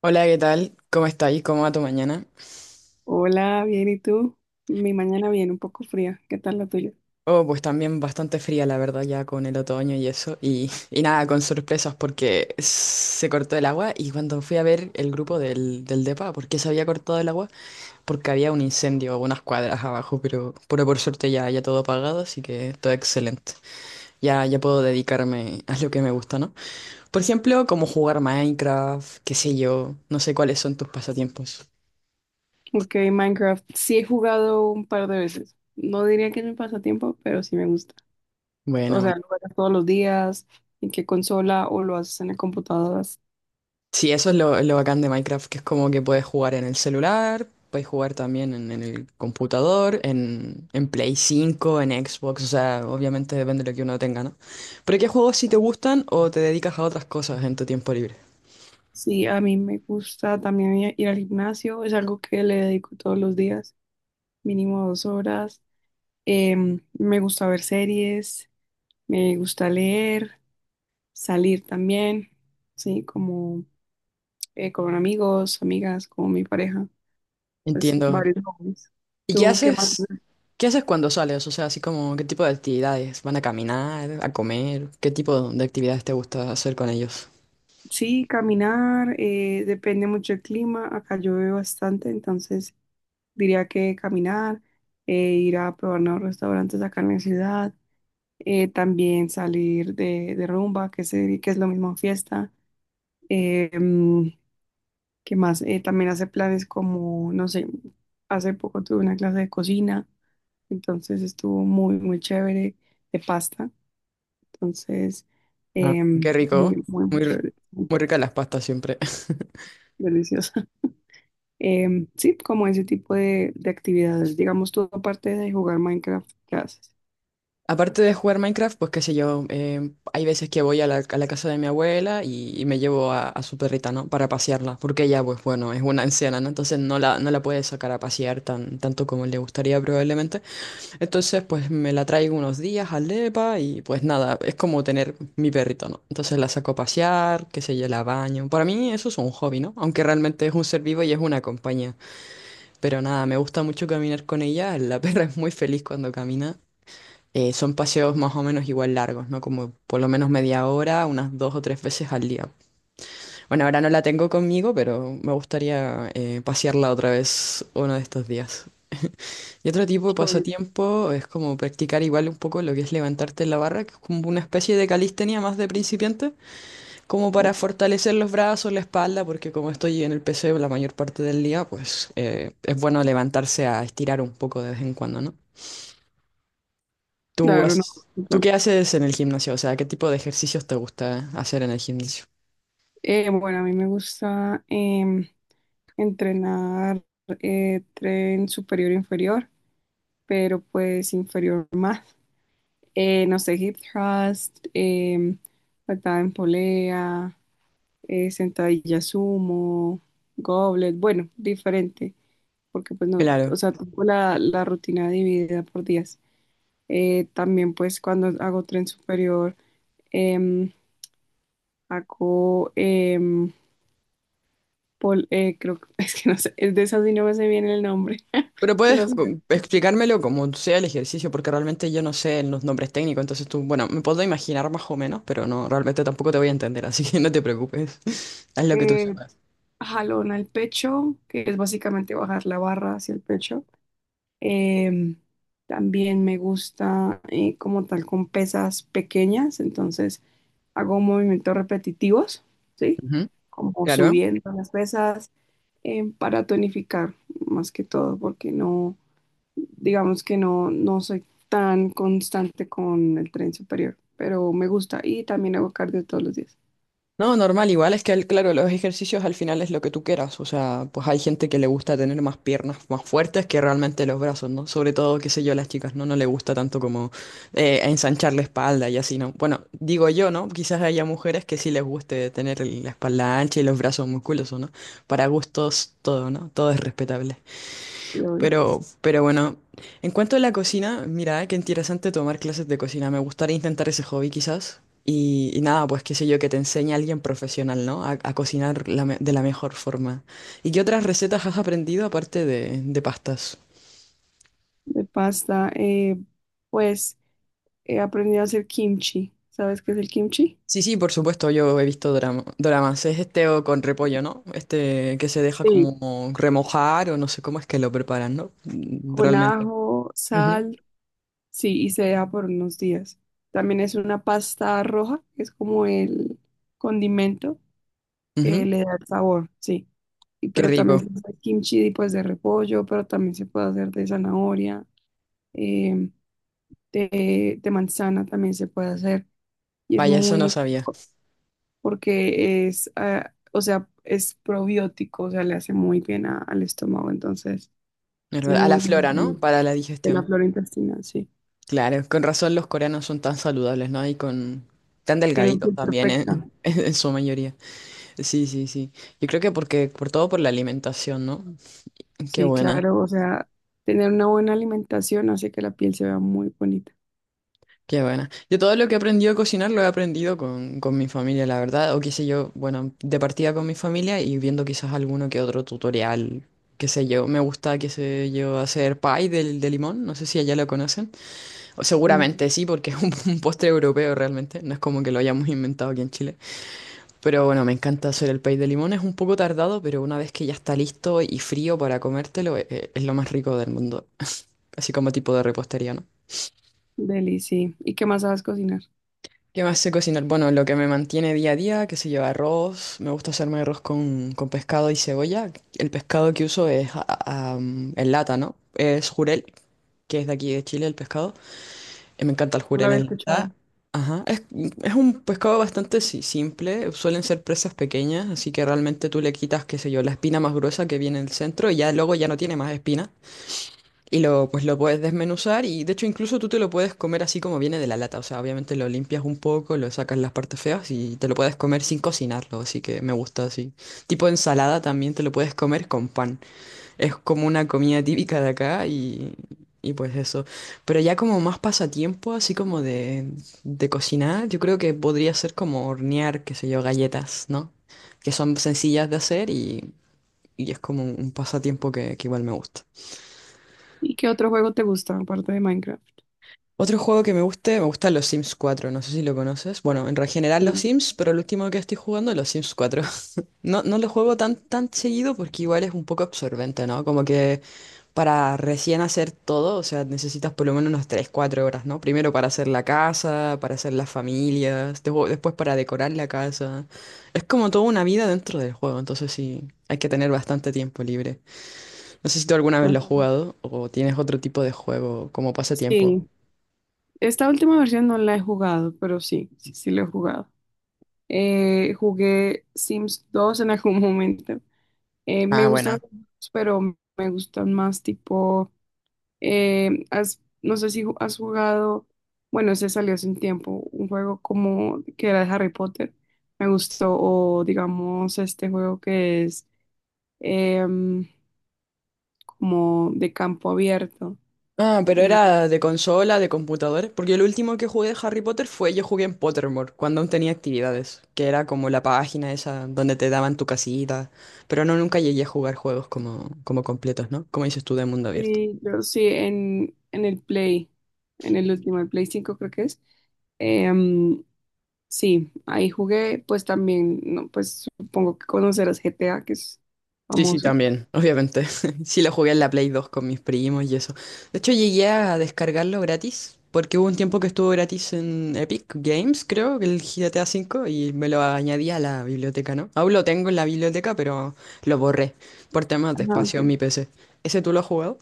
Hola, ¿qué tal? ¿Cómo estáis? ¿Cómo va tu mañana? Hola, bien, ¿y tú? Mi mañana viene un poco fría. ¿Qué tal la tuya? Oh, pues también bastante fría, la verdad, ya con el otoño y eso. Y nada, con sorpresas porque se cortó el agua y cuando fui a ver el grupo del DEPA, ¿por qué se había cortado el agua? Porque había un incendio a unas cuadras abajo, pero por suerte ya todo apagado, así que todo excelente. Ya puedo dedicarme a lo que me gusta, ¿no? Por ejemplo, como jugar Minecraft, qué sé yo, no sé cuáles son tus pasatiempos. Ok, Minecraft. Sí he jugado un par de veces. No diría que es mi pasatiempo, pero sí me gusta. O Bueno, sea, bueno. ¿lo juegas todos los días? ¿En qué consola o lo haces en las computadoras? Sí, eso es lo bacán de Minecraft, que es como que puedes jugar en el celular, puedes jugar también en el computador, en Play 5, en Xbox, o sea, obviamente depende de lo que uno tenga, ¿no? Pero ¿qué juegos sí te gustan o te dedicas a otras cosas en tu tiempo libre? Sí, a mí me gusta también ir al gimnasio. Es algo que le dedico todos los días, mínimo dos horas. Me gusta ver series, me gusta leer, salir también. Sí, como con amigos, amigas, con mi pareja, pues Entiendo. varios hobbies. ¿Y qué ¿Tú qué más? haces? ¿Qué haces cuando sales? O sea, así como, ¿qué tipo de actividades? ¿Van a caminar, a comer? ¿Qué tipo de actividades te gusta hacer con ellos? Sí, caminar, depende mucho del clima, acá llueve bastante, entonces diría que caminar, ir a probar nuevos restaurantes acá en la ciudad, también salir de rumba, que es lo mismo fiesta. Eh, mm, ¿Qué más? También hace planes como, no sé, hace poco tuve una clase de cocina, entonces estuvo muy, muy chévere de pasta. Entonces, Ah, qué rico. muy, muy, muy Muy, r- chévere, muy muy ricas las pastas siempre. deliciosa. Sí, como ese tipo de actividades. Digamos, tú aparte de jugar Minecraft, ¿qué haces? Aparte de jugar Minecraft, pues qué sé yo, hay veces que voy a la casa de mi abuela y, y me llevo a su perrita, ¿no? Para pasearla, porque ella, pues bueno, es una anciana, ¿no? Entonces no la puede sacar a pasear tan, tanto como le gustaría probablemente. Entonces, pues me la traigo unos días al depa y pues nada, es como tener mi perrito, ¿no? Entonces la saco a pasear, qué sé yo, la baño. Para mí eso es un hobby, ¿no? Aunque realmente es un ser vivo y es una compañía. Pero nada, me gusta mucho caminar con ella, la perra es muy feliz cuando camina. Son paseos más o menos igual largos, ¿no? Como por lo menos media hora, unas dos o tres veces al día. Bueno, ahora no la tengo conmigo, pero me gustaría pasearla otra vez uno de estos días. Y otro tipo de Sobre- pasatiempo es como practicar igual un poco lo que es levantarte en la barra, que es como una especie de calistenia más de principiante, como para fortalecer los brazos, la espalda, porque como estoy en el PC la mayor parte del día, pues es bueno levantarse a estirar un poco de vez en cuando, ¿no? ¿Tú Claro, no, haces, tú claro. qué haces en el gimnasio? O sea, ¿qué tipo de ejercicios te gusta hacer en el gimnasio? Bueno, a mí me gusta entrenar, tren superior e inferior, pero pues inferior más. No sé, hip thrust, patada en polea, sentadilla sumo, goblet, bueno, diferente. Porque pues no, o Claro. sea, tengo la rutina dividida por días. También pues cuando hago tren superior, em, hago, creo que, es que no sé, es de esas y no me sé bien el nombre Pero de puedes los ejercicios. explicármelo como sea el ejercicio, porque realmente yo no sé los nombres técnicos, entonces tú, bueno, me puedo imaginar más o menos, pero no, realmente tampoco te voy a entender, así que no te preocupes. Haz lo que tú Eh, sepas. Jalón al pecho, que es básicamente bajar la barra hacia el pecho. Em, También me gusta como tal con pesas pequeñas, entonces hago movimientos repetitivos, ¿sí? Ujú. Como Claro. subiendo las pesas para tonificar más que todo, porque no, digamos que no, no soy tan constante con el tren superior, pero me gusta y también hago cardio todos los días. No, normal, igual es que, claro, los ejercicios al final es lo que tú quieras, o sea, pues hay gente que le gusta tener más piernas más fuertes que realmente los brazos, ¿no? Sobre todo, qué sé yo, las chicas, ¿no? No le gusta tanto como ensanchar la espalda y así, ¿no? Bueno, digo yo, ¿no? Quizás haya mujeres que sí les guste tener la espalda ancha y los brazos musculosos, ¿no? Para gustos, todo, ¿no? Todo es respetable. Y obvio, Pero bueno, en cuanto a la cocina, mira, qué interesante tomar clases de cocina. Me gustaría intentar ese hobby quizás. Y nada, pues qué sé yo, que te enseñe a alguien profesional, ¿no? A cocinar de la mejor forma. ¿Y qué otras recetas has aprendido aparte de pastas? de pasta, pues he aprendido a hacer kimchi. ¿Sabes qué es el kimchi? Sí, sí, por supuesto, yo he visto doramas. Es este o con repollo, ¿no? Este que se deja Sí, como remojar o no sé cómo es que lo preparan, ¿no? Con realmente. ajo, Ujú, sal, sí, y se deja por unos días. También es una pasta roja, que es como el condimento que ujú. le da el sabor, sí. Y Qué pero también rico. se hace kimchi pues de repollo, pero también se puede hacer de zanahoria, eh, de manzana también se puede hacer. Y es Vaya, eso muy, no muy sabía. rico porque es, ah, o sea, es probiótico, o sea, le hace muy bien al estómago, entonces Es es verdad. A la muy, muy flora, ¿no? bueno, Para la de la digestión. flora intestinal, sí. Claro, con razón los coreanos son tan saludables, ¿no? Y con tan Tiene la delgaditos piel también, ¿eh? perfecta. En su mayoría. Sí, sí, sí. Yo creo que porque, por todo por la alimentación, ¿no? Qué Sí, buena, claro, o sea, tener una buena alimentación hace que la piel se vea muy bonita. qué buena. Yo todo lo que he aprendido a cocinar lo he aprendido con mi familia, la verdad. O qué sé yo, bueno, de partida con mi familia y viendo quizás alguno que otro tutorial, qué sé yo. Me gusta, qué sé yo, hacer pie del de limón. No sé si allá lo conocen. O Sí, seguramente sí, porque es un postre europeo realmente. No es como que lo hayamos inventado aquí en Chile. Pero bueno, me encanta hacer el pay de limón. Es un poco tardado, pero una vez que ya está listo y frío para comértelo, es lo más rico del mundo. Así como tipo de repostería, ¿no? deli, sí. ¿Y qué más sabes cocinar? ¿Qué más sé cocinar? Bueno, lo que me mantiene día a día, que se lleva arroz. Me gusta hacerme arroz con pescado y cebolla. El pescado que uso es en lata, ¿no? Es jurel, que es de aquí de Chile el pescado. Me encanta el No lo había jurel. escuchado. Ajá. Es un pescado bastante simple. Suelen ser presas pequeñas, así que realmente tú le quitas, qué sé yo, la espina más gruesa que viene en el centro y ya luego ya no tiene más espina. Y lo, pues lo puedes desmenuzar y de hecho incluso tú te lo puedes comer así como viene de la lata. O sea, obviamente lo limpias un poco, lo sacas las partes feas y te lo puedes comer sin cocinarlo. Así que me gusta así. Tipo ensalada también te lo puedes comer con pan. Es como una comida típica de acá y pues eso. Pero ya como más pasatiempo, así como de cocinar, yo creo que podría ser como hornear, qué sé yo, galletas, ¿no? Que son sencillas de hacer y es como un pasatiempo que igual me gusta. ¿Y qué otro juego te gusta aparte de Minecraft? Otro juego que me guste, me gustan los Sims 4, no sé si lo conoces. Bueno, en general los Sí. Sims, pero el último que estoy jugando es los Sims 4. No, no lo juego tan, tan seguido porque igual es un poco absorbente, ¿no? Como que para recién hacer todo, o sea, necesitas por lo menos unas tres cuatro horas, ¿no? Primero para hacer la casa, para hacer las familias, después para decorar la casa. Es como toda una vida dentro del juego, entonces sí, hay que tener bastante tiempo libre. No sé si tú alguna vez lo Bueno, has jugado o tienes otro tipo de juego como pasatiempo. sí, esta última versión no la he jugado, pero sí, sí, sí la he jugado. Jugué Sims 2 en algún momento. Ah, Me gustan bueno. los juegos, pero me gustan más tipo no sé si has jugado, bueno, ese salió hace un tiempo, un juego como que era de Harry Potter, me gustó, o digamos este juego que es em, como de campo abierto. Ah, pero Eh, era de consola, de computador. Porque el último que jugué de Harry Potter fue yo jugué en Pottermore, cuando aún tenía actividades, que era como la página esa donde te daban tu casita. Pero no, nunca llegué a jugar juegos como completos, ¿no? Como dices tú, de mundo abierto. sí, yo sí, en el Play, en el último, el Play 5 creo que es. Em, sí, ahí jugué, pues también, no, pues supongo que conocerás GTA, que es Sí, sí, famoso. también, obviamente. Sí, lo jugué en la Play 2 con mis primos y eso. De hecho, llegué a descargarlo gratis, porque hubo un tiempo que estuvo gratis en Epic Games, creo, el GTA V, y me lo añadí a la biblioteca, ¿no? Aún lo tengo en la biblioteca, pero lo borré por temas de Ajá, ok. espacio en mi PC. ¿Ese tú lo has jugado?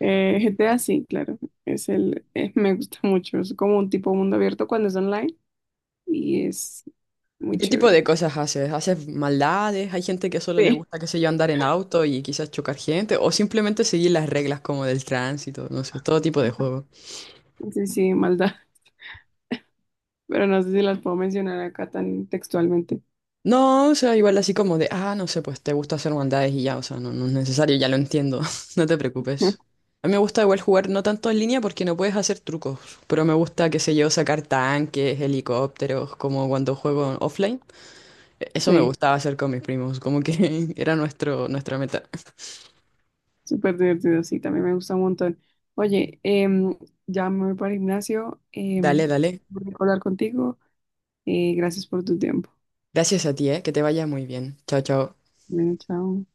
GTA sí, claro. Es el, me gusta mucho. Es como un tipo mundo abierto cuando es online y es ¿Y muy qué tipo chévere. de cosas haces? ¿Haces maldades? ¿Hay gente que solo le Sí, gusta, qué sé yo, andar en auto y quizás chocar gente? ¿O simplemente seguir las reglas como del tránsito? No sé, todo tipo de juego. sí, sí, maldad. Pero no sé si las puedo mencionar acá tan textualmente. No, o sea, igual así como de, no sé, pues te gusta hacer maldades y ya, o sea, no, no es necesario, ya lo entiendo, no te preocupes. A mí me gusta igual jugar no tanto en línea porque no puedes hacer trucos, pero me gusta, qué sé yo, sacar tanques, helicópteros, como cuando juego offline. Eso me Sí, gustaba hacer con mis primos, como que era nuestro, nuestra meta. súper divertido, sí, también me gusta un montón. Oye, ya me voy para el gimnasio. Dale, dale. Voy a hablar contigo. Gracias por tu tiempo. Gracias a ti, que te vaya muy bien. Chao, chao. Bueno, chao.